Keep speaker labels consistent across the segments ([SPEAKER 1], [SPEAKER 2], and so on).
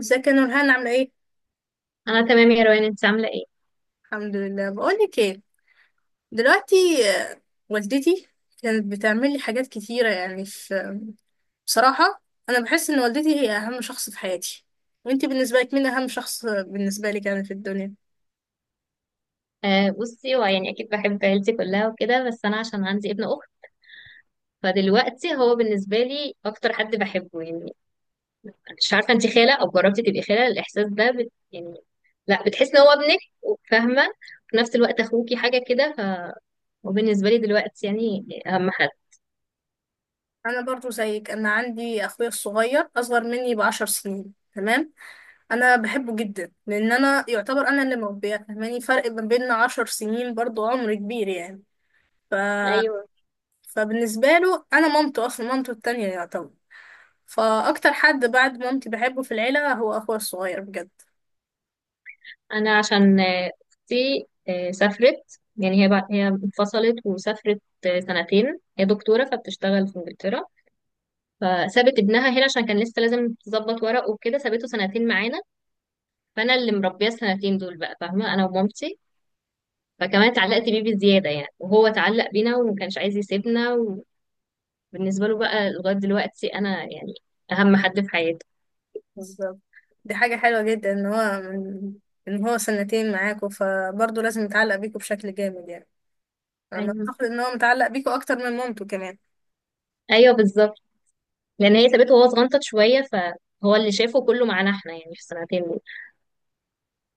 [SPEAKER 1] ازيك يا نورهان عاملة ايه؟
[SPEAKER 2] انا تمام يا روان، انت عامله ايه؟
[SPEAKER 1] الحمد لله. بقولك ايه دلوقتي. آه، والدتي كانت بتعمل لي حاجات كتيرة يعني في، بصراحة أنا بحس إن والدتي هي أهم شخص في حياتي. وانتي بالنسبة لك مين أهم شخص بالنسبة لك يعني في الدنيا؟
[SPEAKER 2] آه، بصي، هو يعني اكيد بحب عيلتي كلها وكده، بس انا عشان عندي ابن اخت فدلوقتي هو بالنسبه لي اكتر حد بحبه يعني. مش عارفه، انت خاله او جربتي تبقي خاله الاحساس ده بت يعني؟ لا، بتحسي ان هو ابنك وفاهمه، وفي نفس الوقت اخوكي حاجه كده، فهو بالنسبه لي دلوقتي يعني اهم حد.
[SPEAKER 1] أنا برضو زيك، أنا عندي أخويا الصغير أصغر مني ب10 سنين، تمام. أنا بحبه جدا لأن أنا يعتبر أنا اللي مربية، فاهماني فرق ما بيننا 10 سنين برضو عمر كبير يعني. ف...
[SPEAKER 2] ايوه.
[SPEAKER 1] فبالنسبة له أنا مامته، أصلا مامته التانية يعتبر. فاكتر حد بعد مامتي بحبه في العيله هو اخويا الصغير بجد.
[SPEAKER 2] انا عشان اختي سافرت يعني، هي انفصلت وسافرت سنتين. هي دكتوره فبتشتغل في انجلترا، فسابت ابنها هنا عشان كان لسه لازم تظبط ورق وكده، سابته سنتين معانا. فانا اللي مربيه السنتين دول بقى، فاهمه، انا ومامتي. فكمان اتعلقت بيه بزياده يعني، وهو اتعلق بينا وما كانش عايز يسيبنا. وبالنسبه له بقى لغايه دلوقتي انا يعني اهم حد في حياته.
[SPEAKER 1] بالظبط. دي حاجه حلوه جدا ان هو سنتين معاكوا فبرضه لازم يتعلق بيكوا بشكل جامد يعني. انا
[SPEAKER 2] ايوه.
[SPEAKER 1] اعتقد ان هو متعلق بيكوا اكتر من مامته كمان.
[SPEAKER 2] ايوه بالظبط، لان هي سابته وهو صغنطت شويه، فهو اللي شافه كله معانا احنا يعني في السنتين دول.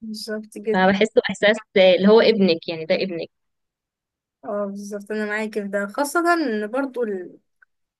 [SPEAKER 1] بالظبط جدا.
[SPEAKER 2] فبحسه احساس اللي هو ابنك، يعني ده ابنك.
[SPEAKER 1] اه بالظبط انا معاكي في ده، خاصه ان برضه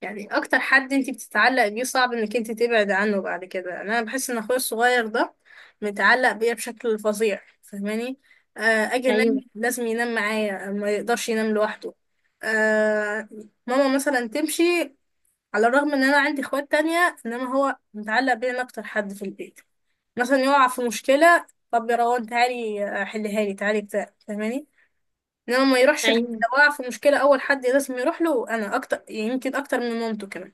[SPEAKER 1] يعني اكتر حد انت بتتعلق بيه صعب انك انت تبعد عنه بعد كده. يعني انا بحس ان اخويا الصغير ده متعلق بيا بشكل فظيع فاهماني. آه اجي انام
[SPEAKER 2] ايوه.
[SPEAKER 1] لازم ينام معايا، ما يقدرش ينام لوحده. آه ماما مثلا تمشي، على الرغم ان انا عندي اخوات تانية انما هو متعلق بيا انا اكتر حد في البيت. مثلا يقع في مشكلة، طب يا روان تعالي حلها لي، تعالي بتاع فاهماني. انما ما يروحش لحد.
[SPEAKER 2] ايوه،
[SPEAKER 1] لو وقع في مشكلة اول حد لازم يروح له انا، اكتر يمكن اكتر من مامته كمان.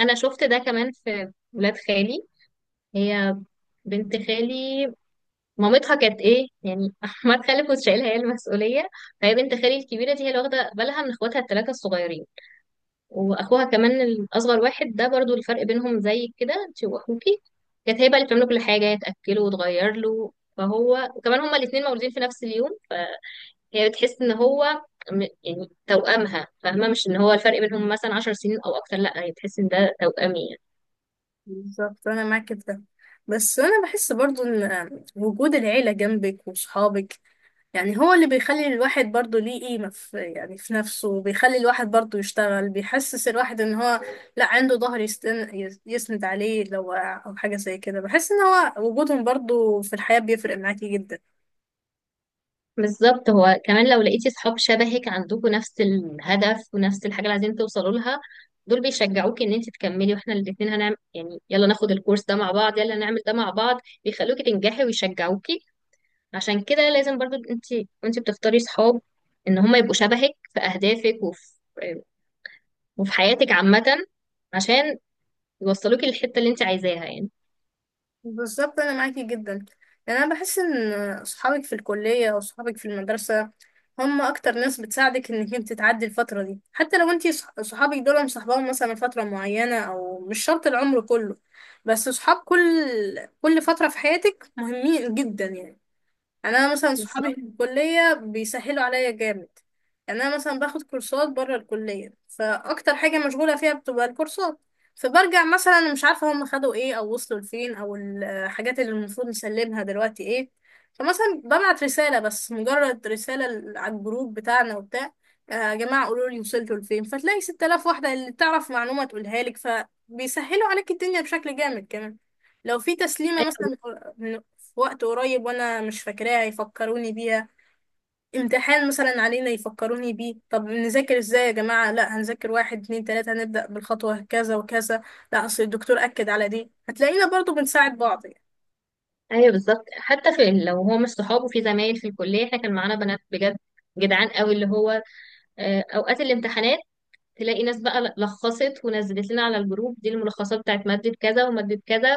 [SPEAKER 2] انا شفت ده كمان في ولاد خالي. هي بنت خالي، مامتها كانت ايه يعني احمد خالد، كنت شايلها هي المسؤوليه. فهي بنت خالي الكبيره دي هي اللي واخده بالها من اخواتها الثلاثه الصغيرين، واخوها كمان الاصغر واحد ده، برضو الفرق بينهم زي كده انت واخوكي. كانت هي بقى اللي بتعمله كل حاجه، هي تاكله وتغير له. فهو وكمان هما الاثنين مولودين في نفس اليوم، فهي بتحس ان هو يعني توأمها، فاهمه، مش ان هو الفرق بينهم مثلا 10 سنين او اكتر. لا، هي بتحس ان ده توأمي.
[SPEAKER 1] بالظبط انا معاك في ده. بس انا بحس برضو ان وجود العيله جنبك وصحابك يعني هو اللي بيخلي الواحد برضو ليه قيمه في، يعني في نفسه، وبيخلي الواحد برضو يشتغل، بيحسس الواحد ان هو لا عنده ظهر يسند عليه لو وقع او حاجه زي كده. بحس ان هو وجودهم برضو في الحياه بيفرق معاكي جدا.
[SPEAKER 2] بالظبط. هو كمان لو لقيتي صحاب شبهك، عندكم نفس الهدف ونفس الحاجة اللي عايزين توصلوا لها، دول بيشجعوكي ان انت تكملي. واحنا الاتنين هنعمل، يعني يلا ناخد الكورس ده مع بعض، يلا نعمل ده مع بعض، بيخلوكي تنجحي ويشجعوكي. عشان كده لازم برضو انت وانت بتختاري صحاب ان هم يبقوا شبهك في اهدافك وفي وفي حياتك عامة، عشان يوصلوكي للحتة اللي انت عايزاها يعني.
[SPEAKER 1] بالظبط انا معاكي جدا. يعني انا بحس ان صحابك في الكليه او صحابك في المدرسه هم اكتر ناس بتساعدك انك انت تعدي الفتره دي، حتى لو انت صحابك دول مصاحباهم مثلا فتره معينه او مش شرط العمر كله، بس صحاب كل فتره في حياتك مهمين جدا يعني. يعني انا مثلا صحابي
[SPEAKER 2] بالظبط.
[SPEAKER 1] في الكليه بيسهلوا عليا جامد. يعني انا مثلا باخد كورسات بره الكليه، فاكتر حاجه مشغوله فيها بتبقى الكورسات. فبرجع مثلا مش عارفه هم خدوا ايه او وصلوا لفين او الحاجات اللي المفروض نسلمها دلوقتي ايه. فمثلا ببعت رساله، بس مجرد رساله على الجروب بتاعنا وبتاع، يا جماعه قولوا لي وصلتوا لفين، فتلاقي 6000 واحده اللي تعرف معلومه تقولها لك. فبيسهلوا عليك الدنيا بشكل جامد كمان. لو في تسليمه مثلا من، في وقت قريب وانا مش فاكراها يفكروني بيها، امتحان مثلا علينا يفكروني بيه، طب نذاكر ازاي يا جماعة، لا هنذاكر واحد اتنين تلاتة، هنبدأ بالخطوة كذا وكذا، لا اصل الدكتور أكد على دي. هتلاقينا برضو بنساعد بعض.
[SPEAKER 2] ايوه بالظبط، حتى في، لو هو مش صحابه في، زمايل في الكليه، احنا كان معانا بنات بجد جدعان قوي. اللي هو اوقات الامتحانات تلاقي ناس بقى لخصت ونزلت لنا على الجروب دي الملخصات بتاعت ماده كذا وماده كذا.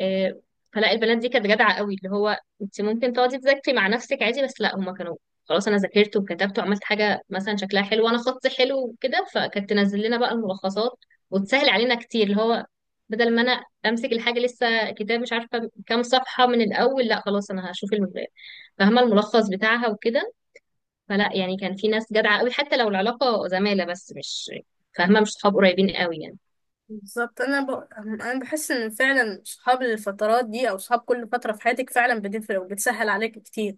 [SPEAKER 2] آه، فلا البنات دي كانت جدعه قوي. اللي هو انت ممكن تقعدي تذاكري مع نفسك عادي، بس لا هما كانوا خلاص، انا ذاكرت وكتبت وعملت حاجه مثلا شكلها حلو وانا خطي حلو وكده، فكانت تنزل لنا بقى الملخصات وتسهل علينا كتير. اللي هو بدل ما انا امسك الحاجه لسه كتاب مش عارفه كام صفحه من الاول، لا خلاص انا هشوف فاهمه الملخص بتاعها وكده. فلا يعني كان في ناس جدعة قوي، حتى لو العلاقة زمالة بس، مش فاهمة، مش صحاب قريبين قوي يعني.
[SPEAKER 1] بالظبط. انا بحس ان فعلا صحاب الفترات دي او صحاب كل فتره في حياتك فعلا بتفرق وبتسهل عليك كتير.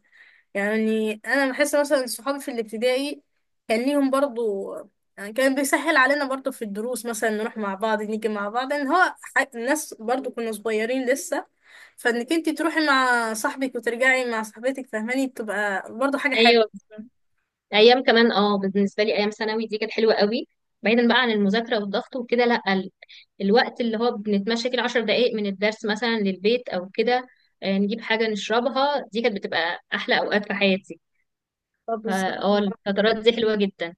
[SPEAKER 1] يعني انا بحس مثلا صحابي في الابتدائي كان ليهم برضو، يعني كان بيسهل علينا برضو في الدروس مثلا نروح مع بعض نيجي مع بعض، ان هو الناس برضو كنا صغيرين لسه، فانك انت تروحي مع صاحبك وترجعي مع صاحبتك فاهماني بتبقى برضو حاجه
[SPEAKER 2] ايوه.
[SPEAKER 1] حلوه.
[SPEAKER 2] ايام كمان اه بالنسبة لي، ايام ثانوي دي كانت حلوة قوي، بعيدا بقى عن المذاكرة والضغط وكده. لا الوقت اللي هو بنتمشى كده 10 دقايق من الدرس مثلا للبيت او كده، نجيب حاجة نشربها، دي كانت بتبقى احلى اوقات في حياتي.
[SPEAKER 1] طب بالظبط.
[SPEAKER 2] فاه الفترات دي حلوة جدا،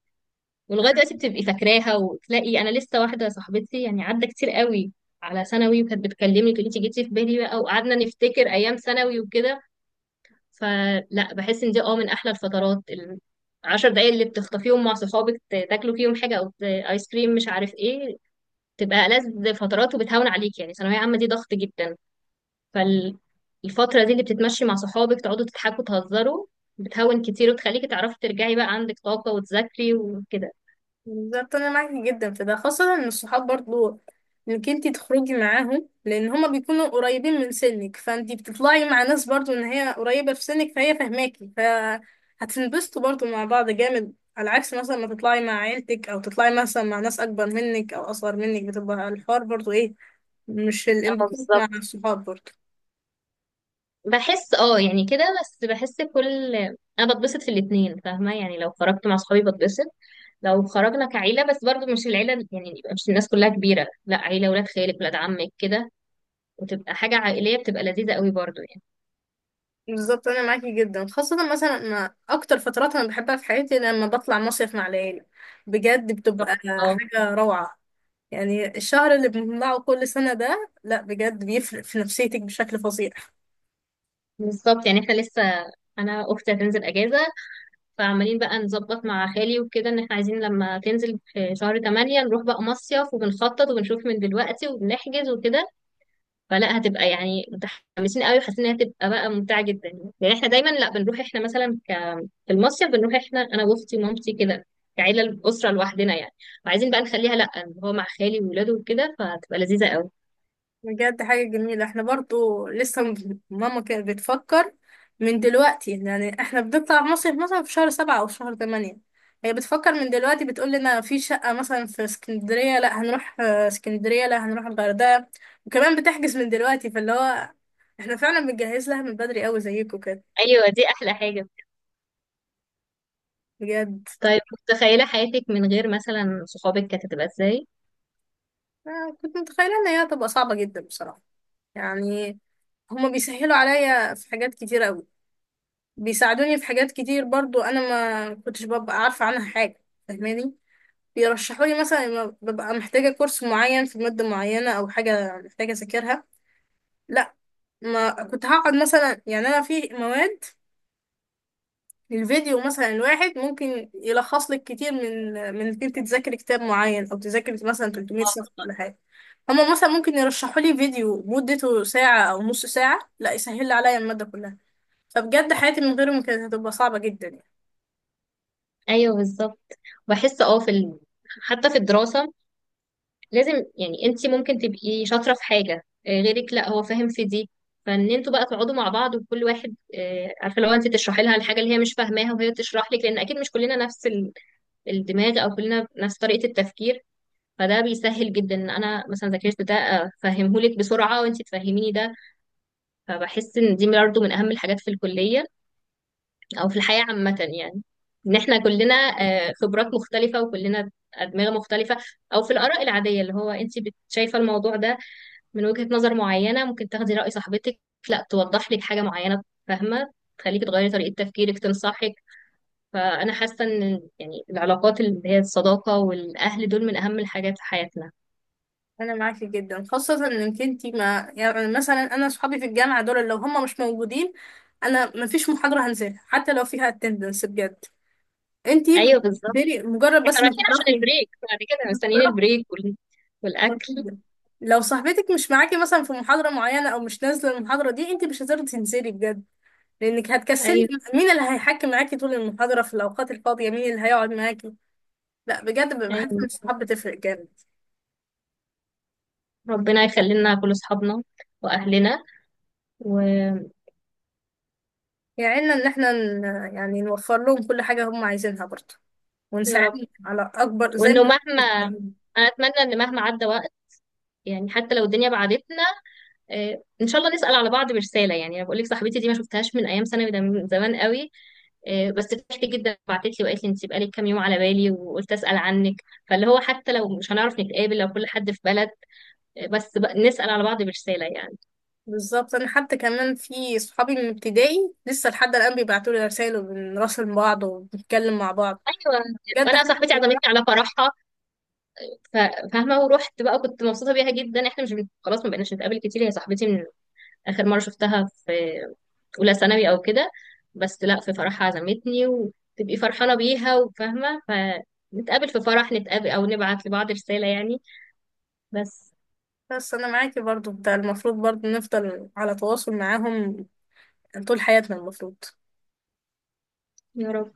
[SPEAKER 2] ولغايه دلوقتي بتبقي فاكراها. وتلاقي انا لسه واحده صاحبتي، يعني عدى كتير قوي على ثانوي، وكانت بتكلمني تقولي انت جيتي في بالي، بقى وقعدنا نفتكر ايام ثانوي وكده. فلا بحس ان دي اه من احلى الفترات. العشر دقايق اللي بتخطفيهم مع صحابك، تاكلوا فيهم حاجه، او ايس كريم مش عارف ايه، تبقى ألذ فترات. وبتهون عليك، يعني ثانويه عامه دي ضغط جدا، فالفتره دي اللي بتتمشي مع صحابك تقعدوا تضحكوا تهزروا بتهون كتير، وتخليكي تعرفي ترجعي بقى عندك طاقه وتذاكري وكده.
[SPEAKER 1] بالظبط انا معاكي جدا في ده، خاصة ان الصحاب برضو انك انتي تخرجي معاهم لان هما بيكونوا قريبين من سنك، فانتي بتطلعي مع ناس برضو ان هي قريبة في سنك فهي فاهماكي فهتنبسطوا برضو مع بعض جامد، على عكس مثلا ما تطلعي مع عيلتك او تطلعي مثلا مع ناس اكبر منك او اصغر منك بتبقى الحوار برضو ايه، مش
[SPEAKER 2] اه
[SPEAKER 1] الانبساط مع
[SPEAKER 2] بالظبط.
[SPEAKER 1] الصحاب برضو.
[SPEAKER 2] بحس اه يعني كده، بس بحس كل، انا بتبسط في الاتنين، فاهمه، يعني لو خرجت مع صحابي بتبسط. لو خرجنا كعيله، بس برضو مش العيله يعني، يبقى مش الناس كلها كبيره، لا عيله ولاد خالك ولاد عمك كده، وتبقى حاجه عائليه، بتبقى لذيذه قوي برضو يعني.
[SPEAKER 1] بالظبط انا معاكي جدا، خاصة مثلا أنا اكتر فترات انا بحبها في حياتي لما بطلع مصيف مع العيلة. بجد بتبقى
[SPEAKER 2] تحفه اه.
[SPEAKER 1] حاجة روعة. يعني الشهر اللي بنجمعه كل سنة ده لا بجد بيفرق في نفسيتك بشكل فظيع.
[SPEAKER 2] بالظبط، يعني احنا لسه، انا اختي هتنزل اجازه، فعمالين بقى نظبط مع خالي وكده، ان احنا عايزين لما تنزل في شهر 8 نروح بقى مصيف، وبنخطط وبنشوف من دلوقتي وبنحجز وكده. فلا هتبقى يعني متحمسين قوي، وحاسين انها هتبقى بقى ممتعه جدا. يعني احنا دايما لا بنروح احنا مثلا في المصيف، بنروح احنا انا واختي ومامتي كده، كعيله الاسره لوحدنا يعني. وعايزين بقى نخليها لا، إن هو مع خالي وولاده وكده، فهتبقى لذيذه قوي.
[SPEAKER 1] بجد حاجة جميلة. احنا برضو لسه ماما كانت بتفكر من دلوقتي، يعني احنا بنطلع مصيف مثلا في شهر 7 أو شهر 8. هي بتفكر من دلوقتي بتقول لنا في شقة مثلا في اسكندرية، لا هنروح اسكندرية لا هنروح الغردقة. وكمان بتحجز من دلوقتي، فاللي هو احنا فعلا بنجهز لها من بدري قوي زيكم كده.
[SPEAKER 2] ايوه دي احلى حاجه.
[SPEAKER 1] بجد.
[SPEAKER 2] طيب متخيله حياتك من غير مثلا صحابك كانت هتبقى ازاي؟
[SPEAKER 1] كنت متخيلة ان هي هتبقى صعبة جدا بصراحة. يعني هما بيسهلوا عليا في حاجات كتير قوي، بيساعدوني في حاجات كتير برضو انا ما كنتش ببقى عارفة عنها حاجة فاهماني. بيرشحوا لي مثلا لما ببقى محتاجة كورس معين في مادة معينة او حاجة محتاجة اذاكرها، لا ما كنت هقعد مثلا، يعني انا في مواد الفيديو مثلا الواحد ممكن يلخص لك كتير، من انك انت تذاكري كتاب معين او تذاكري مثلا 300 صفحة ولا حاجة. هما مثلا ممكن يرشحوا لي فيديو مدته ساعة او نص ساعة لا يسهل لي عليا المادة كلها. فبجد حياتي من غيرهم كانت هتبقى صعبة جدا يعني.
[SPEAKER 2] ايوه بالظبط. بحس اه في حتى في الدراسه لازم، يعني انت ممكن تبقي شاطرة في حاجة غيرك لا هو فاهم في دي، فان انتوا بقى تقعدوا مع بعض، وكل واحد عارفة، لو انت تشرحي لها الحاجة اللي هي مش فاهماها وهي تشرح لك، لان اكيد مش كلنا نفس الدماغ، او كلنا نفس طريقة التفكير. فده بيسهل جدا ان انا مثلا ذاكرت ده افهمه لك بسرعة، وانت تفهميني ده. فبحس ان دي برضه من اهم الحاجات في الكلية، او في الحياة عامة يعني، ان احنا كلنا خبرات مختلفة وكلنا ادمغة مختلفة. او في الاراء العادية، اللي هو انت شايفة الموضوع ده من وجهة نظر معينة، ممكن تاخدي رأي صاحبتك لا توضح لك حاجة معينة، فاهمة، تخليكي تغيري طريقة تفكيرك، تنصحك. فأنا حاسة إن يعني العلاقات، اللي هي الصداقة والأهل، دول من أهم الحاجات في حياتنا.
[SPEAKER 1] أنا معاكي جدا، خاصة إنك انتي ما يعني، مثلا أنا صحابي في الجامعة دول لو هم مش موجودين أنا مفيش محاضرة هنزلها حتى لو فيها اتندنس بجد. انتي
[SPEAKER 2] أيوه بالظبط.
[SPEAKER 1] بتبتدي مجرد
[SPEAKER 2] احنا
[SPEAKER 1] بس ما
[SPEAKER 2] رايحين عشان
[SPEAKER 1] تعرفي.
[SPEAKER 2] البريك، بعد كده مستنيين البريك والأكل.
[SPEAKER 1] جدا. لو صاحبتك مش معاكي مثلا في محاضرة معينة أو مش نازلة المحاضرة دي انتي مش هتقدري تنزلي بجد لأنك هتكسلي.
[SPEAKER 2] أيوه.
[SPEAKER 1] مين اللي هيحكي معاكي طول المحاضرة في الأوقات الفاضية، مين اللي هيقعد معاكي؟ لا بجد بحس
[SPEAKER 2] أيوه.
[SPEAKER 1] إن الصحاب بتفرق جامد.
[SPEAKER 2] ربنا يخلي لنا كل أصحابنا وأهلنا. ويا
[SPEAKER 1] يعيننا ان احنا يعني نوفر لهم كل حاجة هم عايزينها برضه،
[SPEAKER 2] رب.
[SPEAKER 1] ونساعدهم على اكبر زي
[SPEAKER 2] وإنه
[SPEAKER 1] ما
[SPEAKER 2] مهما،
[SPEAKER 1] إحنا.
[SPEAKER 2] أنا أتمنى إن مهما عدى وقت، يعني حتى لو الدنيا بعدتنا، ان شاء الله نسأل على بعض برسالة. يعني انا بقول لك، صاحبتي دي ما شفتهاش من ايام ثانوي، ده من زمان قوي. بس فرحت جدا، بعتت لي وقالت لي، انت بقالك كام يوم على بالي وقلت اسال عنك. فاللي هو حتى لو مش هنعرف نتقابل، لو كل حد في بلد، بس بقى نسال على بعض برساله يعني.
[SPEAKER 1] بالظبط انا حتى كمان في صحابي من ابتدائي لسه لحد الان بيبعتوا لي رسائل وبنراسل بعض وبنتكلم مع بعض
[SPEAKER 2] ايوه.
[SPEAKER 1] بجد
[SPEAKER 2] وانا
[SPEAKER 1] حاجة
[SPEAKER 2] صاحبتي
[SPEAKER 1] زي
[SPEAKER 2] عزمتني
[SPEAKER 1] كده.
[SPEAKER 2] على فرحها، ف- فاهمه، ورحت بقى، كنت مبسوطه بيها جدا. احنا مش خلاص ما بقيناش نتقابل كتير، هي صاحبتي، من اخر مره شفتها في اولى ثانوي او كده. بس لا في فرحها عزمتني، وتبقي فرحانه بيها، وفاهمه، فنتقابل في فرح، نتقابل او نبعت لبعض رساله يعني. بس.
[SPEAKER 1] بس انا معاكي برضه، ده المفروض برضه نفضل على تواصل معاهم طول حياتنا المفروض
[SPEAKER 2] يا رب.